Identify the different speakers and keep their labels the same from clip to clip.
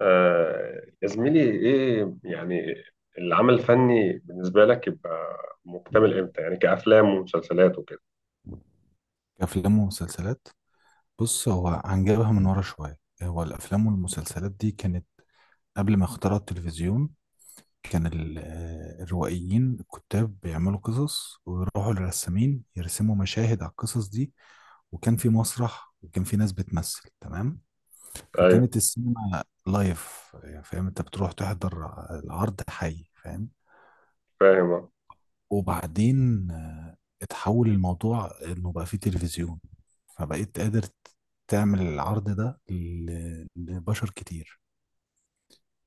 Speaker 1: يا زميلي ايه يعني العمل الفني بالنسبة لك يبقى مكتمل امتى؟ يعني كأفلام ومسلسلات وكده.
Speaker 2: أفلام ومسلسلات. بص، هو هنجيبها من ورا شوية. هو الأفلام والمسلسلات دي كانت قبل ما اخترعوا التلفزيون. كان الروائيين الكتاب بيعملوا قصص ويروحوا للرسامين يرسموا مشاهد على القصص دي. وكان في مسرح وكان في ناس بتمثل. تمام،
Speaker 1: ايوه
Speaker 2: فكانت السينما لايف، يعني فاهم؟ انت بتروح تحضر العرض حي، فاهم؟
Speaker 1: فاهم.
Speaker 2: وبعدين اتحول الموضوع انه بقى فيه تلفزيون، فبقيت قادر تعمل العرض ده لبشر كتير.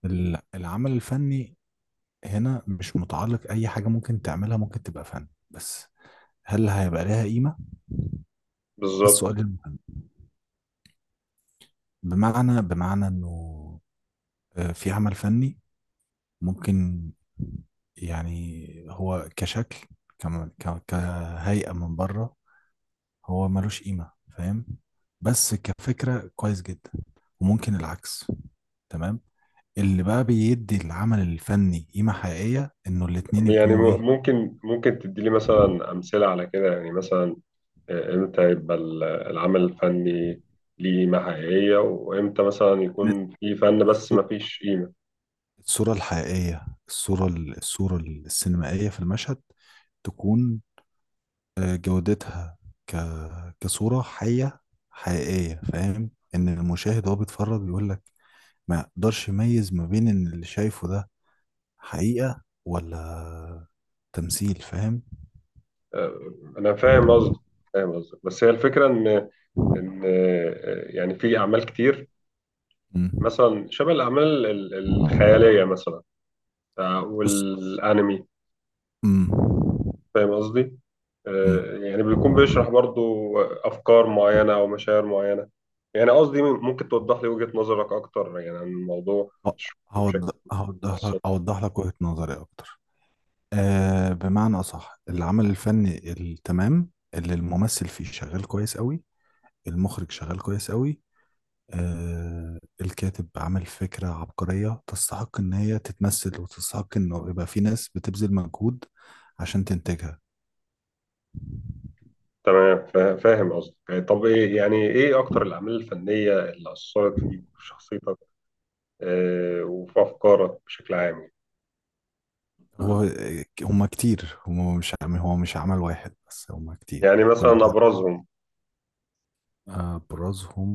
Speaker 2: العمل الفني هنا مش متعلق. اي حاجة ممكن تعملها ممكن تبقى فن، بس هل هيبقى لها قيمة؟ ده
Speaker 1: بالظبط.
Speaker 2: السؤال المهم. بمعنى انه في عمل فني ممكن يعني هو كشكل، كهيئة من بره، هو ملوش قيمة، فاهم؟ بس كفكرة كويس جدا. وممكن العكس. تمام. اللي بقى بيدي العمل الفني قيمة حقيقية انه الاتنين
Speaker 1: يعني
Speaker 2: يكونوا ايه.
Speaker 1: ممكن تدي لي مثلا أمثلة على كده؟ يعني مثلا، امتى يبقى العمل الفني ليه قيمة حقيقية، وامتى مثلا
Speaker 2: إن
Speaker 1: يكون في فن بس ما
Speaker 2: الصو-
Speaker 1: فيش قيمة؟
Speaker 2: الصورة الحقيقية، الصورة الصورة السينمائية في المشهد تكون جودتها ك... كصورة حية حقيقية، فاهم؟ ان المشاهد وهو بيتفرج بيقول لك ما يقدرش يميز ما بين ان اللي شايفه ده حقيقة ولا تمثيل، فاهم؟
Speaker 1: آه، انا فاهم قصدك، فاهم قصدك، بس هي الفكرة ان ، يعني في اعمال كتير
Speaker 2: مم.
Speaker 1: مثلا شبه الأعمال الخيالية، مثلا،
Speaker 2: بص.
Speaker 1: والأنمي.
Speaker 2: مم.
Speaker 1: فاهم قصدي؟
Speaker 2: مم.
Speaker 1: يعني بيكون بيشرح برضو أفكار معينة أو مشاعر معينة. يعني قصدي ممكن توضح لي وجهة نظرك أكتر يعني عن الموضوع،
Speaker 2: ه-
Speaker 1: أو تشرح لي بشكل
Speaker 2: هوضح لك،
Speaker 1: مفصل؟
Speaker 2: اوضح لك وجهة نظري اكتر. آه، بمعنى اصح، العمل الفني التمام اللي الممثل فيه شغال كويس قوي، المخرج شغال كويس قوي، آه الكاتب عمل فكرة عبقرية تستحق ان هي تتمثل وتستحق انه يبقى في ناس بتبذل مجهود عشان تنتجها.
Speaker 1: تمام، فاهم قصدي. طب إيه يعني، إيه أكتر الأعمال الفنية اللي أثرت فيك وفي شخصيتك، وفي أفكارك بشكل عام؟
Speaker 2: هو هما كتير، مش هو مش عمل واحد بس، هما كتير
Speaker 1: يعني
Speaker 2: يعني كل.
Speaker 1: مثلا أبرزهم.
Speaker 2: ابرزهم؟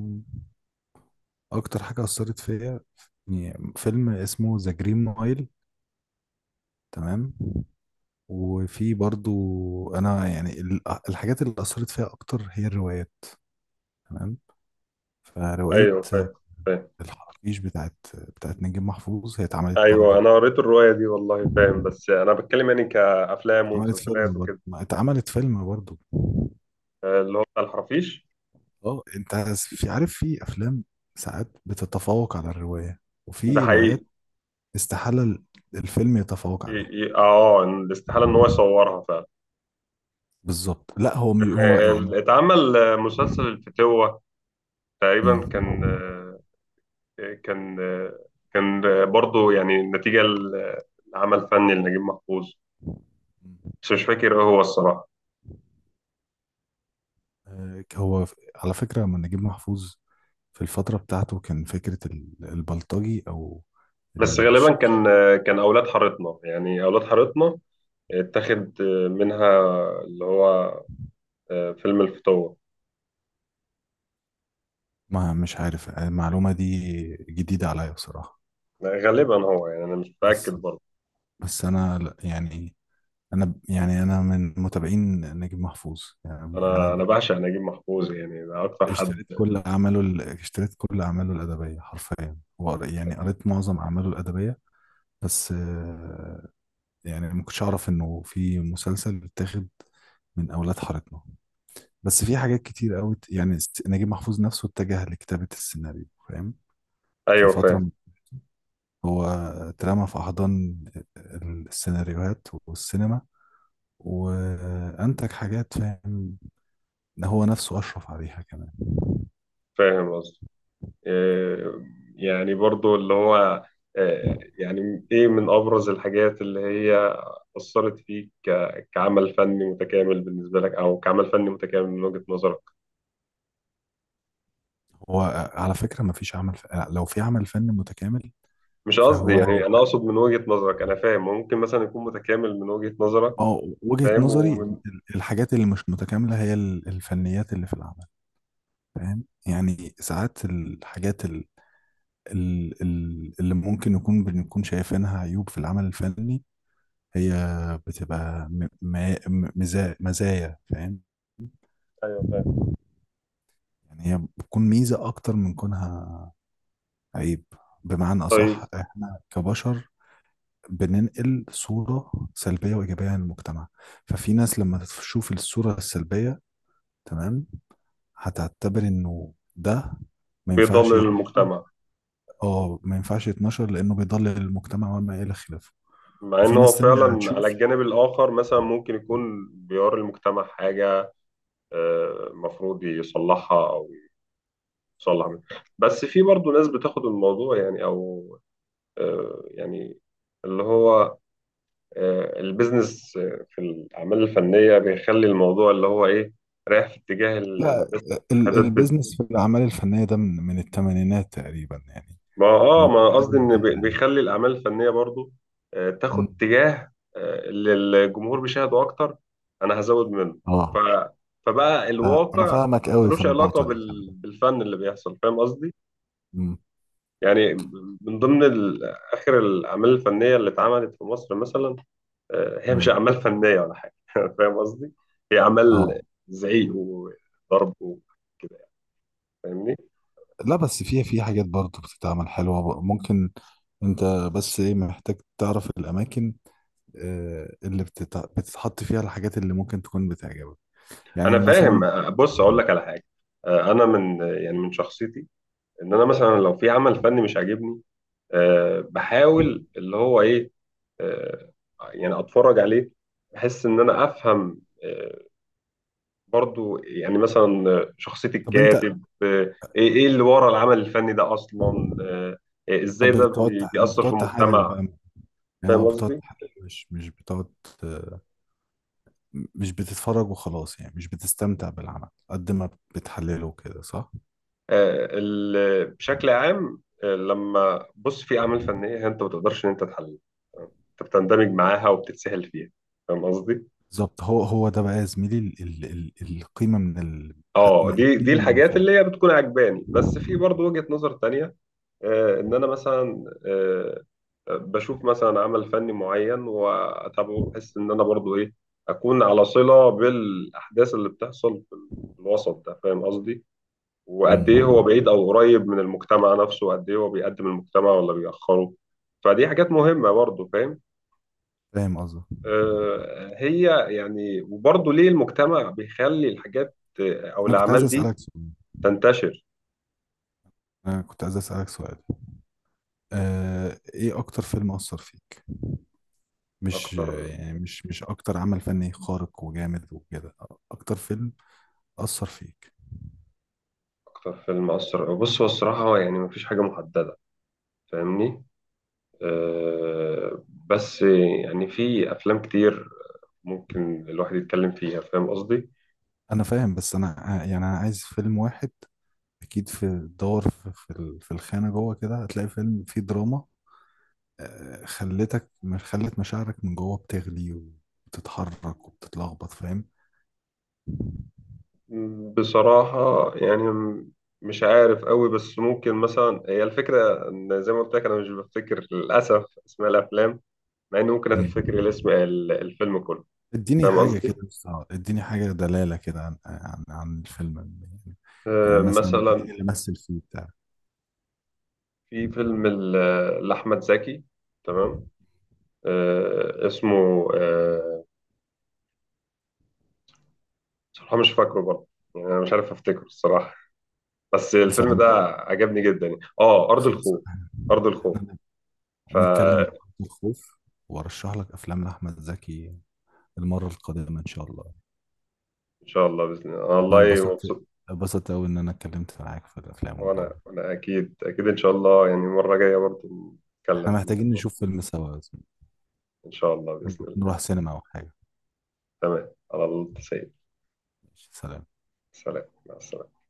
Speaker 2: اكتر حاجه اثرت فيا يعني فيلم اسمه ذا جرين مايل. تمام. وفي برضو، انا يعني الحاجات اللي اثرت فيها اكتر هي الروايات. تمام. فروايه
Speaker 1: أيوه فاهم، فاهم.
Speaker 2: الحرافيش بتاعت نجيب محفوظ هي اتعملت
Speaker 1: ايوه
Speaker 2: برضو.
Speaker 1: انا قريت الروايه دي والله، فاهم، بس انا بتكلم يعني كافلام
Speaker 2: اتعملت فيلم
Speaker 1: ومسلسلات
Speaker 2: برضو،
Speaker 1: وكده.
Speaker 2: ما اتعملت فيلم برضو.
Speaker 1: اللي هو بتاع الحرافيش.
Speaker 2: اه انت عايز- في، عارف في افلام ساعات بتتفوق على الروايه،
Speaker 1: ده
Speaker 2: وفي
Speaker 1: حقيقي.
Speaker 2: روايات استحاله الفيلم يتفوق عليها.
Speaker 1: الاستحاله ان هو يصورها فعلا.
Speaker 2: بالظبط، لا هو مش هو يعني.
Speaker 1: اتعمل مسلسل الفتوه
Speaker 2: مم.
Speaker 1: تقريبا، كان، كان، كان، برضه يعني نتيجه لعمل فني لنجيب محفوظ،
Speaker 2: مم.
Speaker 1: بس مش فاكر ايه هو الصراحه.
Speaker 2: آه، هو ف- على فكرة من نجيب محفوظ في الفترة بتاعته كان فكرة البلطجي أو
Speaker 1: بس غالبا
Speaker 2: الشخص.
Speaker 1: كان، كان اولاد حارتنا، يعني اولاد حارتنا اتاخد منها اللي هو، فيلم الفتوه.
Speaker 2: ما مش عارف المعلومة دي جديدة عليا بصراحة.
Speaker 1: غالبا، هو يعني انا مش متاكد
Speaker 2: بس
Speaker 1: برضه.
Speaker 2: بس أنا لا- يعني أنا ب- يعني أنا من متابعين نجيب محفوظ، يعني يعني أنا
Speaker 1: انا
Speaker 2: ب-
Speaker 1: بعشق نجيب محفوظ، يعني ده اكتر حد.
Speaker 2: اشتريت كل أعماله اشتريت كل أعماله الأدبية حرفيا، وقر- يعني قريت معظم أعماله الأدبية. بس يعني ما كنتش اعرف انه في مسلسل بيتاخد من اولاد حارتنا. بس في حاجات كتير قوي، يعني س- نجيب محفوظ نفسه اتجه لكتابة السيناريو، فاهم؟ في
Speaker 1: ايوه
Speaker 2: فترة
Speaker 1: فاهم،
Speaker 2: م- هو اترمى في احضان السيناريوهات والسينما، وانتج حاجات، فاهم؟ هو نفسه اشرف عليها كمان.
Speaker 1: فاهم قصدي. إيه، يعني برضه اللي هو إيه، يعني ايه من ابرز الحاجات اللي هي اثرت فيك كعمل فني متكامل بالنسبه لك، او كعمل فني متكامل من وجهه نظرك؟
Speaker 2: هو على فكرة ما فيش عمل ف... لو في عمل فن متكامل
Speaker 1: مش قصدي
Speaker 2: فهو
Speaker 1: يعني، انا
Speaker 2: هيبقى-
Speaker 1: اقصد من وجهه نظرك، انا فاهم ممكن مثلا يكون متكامل من وجهه نظرك.
Speaker 2: اه، وجهة
Speaker 1: فاهم،
Speaker 2: نظري
Speaker 1: ومن.
Speaker 2: الحاجات اللي مش متكاملة هي الفنيات اللي في العمل، فاهم؟ يعني ساعات الحاجات اللي ممكن نكون بنكون شايفينها عيوب في العمل الفني هي بتبقى مزايا، فاهم؟
Speaker 1: ايوه فاهم.
Speaker 2: يعني هي بتكون ميزة أكتر من كونها عيب. بمعنى
Speaker 1: طيب.
Speaker 2: أصح، إحنا كبشر بننقل صورة سلبية وإيجابية عن المجتمع. ففي ناس لما تشوف الصورة السلبية، تمام، هتعتبر إنه ده ما ينفعش
Speaker 1: بيضلل
Speaker 2: يتنشر.
Speaker 1: المجتمع.
Speaker 2: اه ما ينفعش يتنشر لانه بيضلل المجتمع وما الى خلافه.
Speaker 1: مع ان
Speaker 2: وفي
Speaker 1: هو
Speaker 2: ناس تانية
Speaker 1: فعلا على
Speaker 2: هتشوف.
Speaker 1: الجانب الاخر مثلا ممكن يكون بيوري المجتمع حاجه، مفروض يصلحها او يصلح منها. بس في برضه ناس بتاخد الموضوع يعني، او، يعني اللي هو، البيزنس، في الاعمال الفنيه بيخلي الموضوع اللي هو ايه، رايح في اتجاه
Speaker 2: لا،
Speaker 1: المشاهدات.
Speaker 2: البيزنس في الاعمال الفنيه ده من الثمانينات تقريبا يعني.
Speaker 1: ما
Speaker 2: هو
Speaker 1: اه، ما
Speaker 2: مش حاجه
Speaker 1: قصدي ان
Speaker 2: جديده يعني.
Speaker 1: بيخلي الاعمال الفنيه برضو، تاخد
Speaker 2: مم.
Speaker 1: اتجاه، اللي الجمهور بيشاهده اكتر، انا هزود منه. ف
Speaker 2: اه.
Speaker 1: فبقى
Speaker 2: انا
Speaker 1: الواقع
Speaker 2: فاهمك قوي في
Speaker 1: ملوش علاقه
Speaker 2: النقطه دي، خلي
Speaker 1: بال...
Speaker 2: بالك.
Speaker 1: بالفن اللي بيحصل، فاهم قصدي؟
Speaker 2: مم.
Speaker 1: يعني من ضمن ال... اخر الاعمال الفنيه اللي اتعملت في مصر مثلا، هي مش
Speaker 2: مم.
Speaker 1: اعمال فنيه ولا حاجه فاهم قصدي. هي اعمال
Speaker 2: اه
Speaker 1: زعيق وضرب وكده، يعني، فاهمني؟
Speaker 2: لا، بس في حاجات برضه بتتعمل حلوه، بق- ممكن انت، بس ايه، محتاج تعرف الاماكن اللي بتتع- بتتحط فيها الحاجات اللي ممكن تكون بتعجبك، يعني
Speaker 1: انا فاهم
Speaker 2: مثلا.
Speaker 1: آه، بص اقول لك على حاجه، انا من يعني من شخصيتي ان انا مثلا لو في عمل فني مش عاجبني، أه بحاول اللي هو ايه، أه يعني اتفرج عليه، بحس ان انا افهم أه برضو يعني مثلا، شخصية
Speaker 2: طب انت
Speaker 1: الكاتب أه، ايه إيه اللي ورا العمل الفني ده اصلا أه،
Speaker 2: اه
Speaker 1: ازاي ده
Speaker 2: بتقعد تح-
Speaker 1: بيأثر في
Speaker 2: بتقعد تحلل
Speaker 1: المجتمع.
Speaker 2: بقى، يعني اه
Speaker 1: فاهم
Speaker 2: بتقعد
Speaker 1: قصدي؟
Speaker 2: تحلل، مش بتقعد، آه، مش بتتفرج وخلاص، يعني مش بتستمتع بالعمل قد ما بتحلله كده، صح؟
Speaker 1: أه، بشكل عام، لما بص في اعمال فنية انت ما تقدرش ان انت تحللها، انت بتندمج معاها وبتتسهل فيها. فاهم قصدي؟
Speaker 2: بالظبط، هو ده بقى يا زميلي ال القيمة من
Speaker 1: اه دي
Speaker 2: القيمة من
Speaker 1: الحاجات
Speaker 2: الفن.
Speaker 1: اللي هي بتكون عجباني. بس في برضو وجهة نظر تانية، ان انا مثلا، بشوف مثلا عمل فني معين واتابعه، بحس ان انا برضو ايه، اكون على صلة بالاحداث اللي بتحصل في الوسط ده. فاهم قصدي؟
Speaker 2: مم.
Speaker 1: وقد ايه هو بعيد او قريب من المجتمع نفسه، وقد ايه هو بيقدم المجتمع ولا بيأخره. فدي حاجات مهمة برضو، فاهم؟
Speaker 2: فاهم قصدك.
Speaker 1: هي يعني، وبرضو ليه المجتمع بيخلي الحاجات، او
Speaker 2: انا كنت عايز
Speaker 1: الاعمال دي
Speaker 2: اسألك سؤال.
Speaker 1: تنتشر.
Speaker 2: انا كنت عايز اسألك سؤال. آه، ايه اكتر فيلم اثر فيك؟ مش
Speaker 1: اكتر،
Speaker 2: يعني مش اكتر عمل فني خارق وجامد وكده. اكتر فيلم اثر فيك.
Speaker 1: اكتر فيلم اثر، بص هو الصراحه هو يعني مفيش حاجه محدده، فاهمني؟ أه بس يعني في افلام كتير ممكن الواحد يتكلم فيها، فاهم قصدي.
Speaker 2: انا فاهم بس انا ع- يعني انا عايز فيلم واحد. اكيد في الدور في في الخانه جوه كده هتلاقي فيلم فيه دراما خلتك، مش خلت مشاعرك من جوه بتغلي وبتتحرك وبتتلخبط، فاهم؟
Speaker 1: بصراحه يعني مش عارف قوي، بس ممكن مثلا هي الفكره ان زي ما قلت لك انا مش بفتكر للاسف اسماء الافلام، مع اني ممكن
Speaker 2: مم.
Speaker 1: افتكر الاسم الفيلم كله.
Speaker 2: اديني
Speaker 1: فاهم
Speaker 2: حاجه
Speaker 1: قصدي؟
Speaker 2: كده بس، اديني حاجه دلاله كده عن عن الفيلم يعني. يعني
Speaker 1: أه
Speaker 2: مثلا مين
Speaker 1: مثلا،
Speaker 2: اللي مثل فيه بتاع.
Speaker 1: في فيلم لاحمد زكي، تمام، اسمه آه، بصراحة مش فاكره برضه، يعني أنا مش عارف أفتكره الصراحة. بس
Speaker 2: خلص يا
Speaker 1: الفيلم
Speaker 2: عم،
Speaker 1: ده عجبني جدا يعني، آه، أرض
Speaker 2: خلص.
Speaker 1: الخوف. أرض الخوف.
Speaker 2: احنا نتكلم
Speaker 1: فإن
Speaker 2: عن الخوف، وارشح لك افلام لاحمد زكي المره القادمه ان شاء الله.
Speaker 1: شاء الله بإذن الله، أنا
Speaker 2: انا
Speaker 1: والله
Speaker 2: انبسطت،
Speaker 1: مبسوط.
Speaker 2: انبسطت قوي ان انا اتكلمت معاك في الافلام والجو
Speaker 1: وأنا،
Speaker 2: ده.
Speaker 1: وأنا أكيد أكيد إن شاء الله، يعني المرة الجاية برضه
Speaker 2: احنا
Speaker 1: نتكلم في
Speaker 2: محتاجين
Speaker 1: الموضوع.
Speaker 2: نشوف فيلم سوا يا زميلي.
Speaker 1: إن شاء الله بإذن الله.
Speaker 2: نروح سينما او حاجه.
Speaker 1: تمام على الله سيد.
Speaker 2: ماشي، سلام.
Speaker 1: سلام، مع السلامة.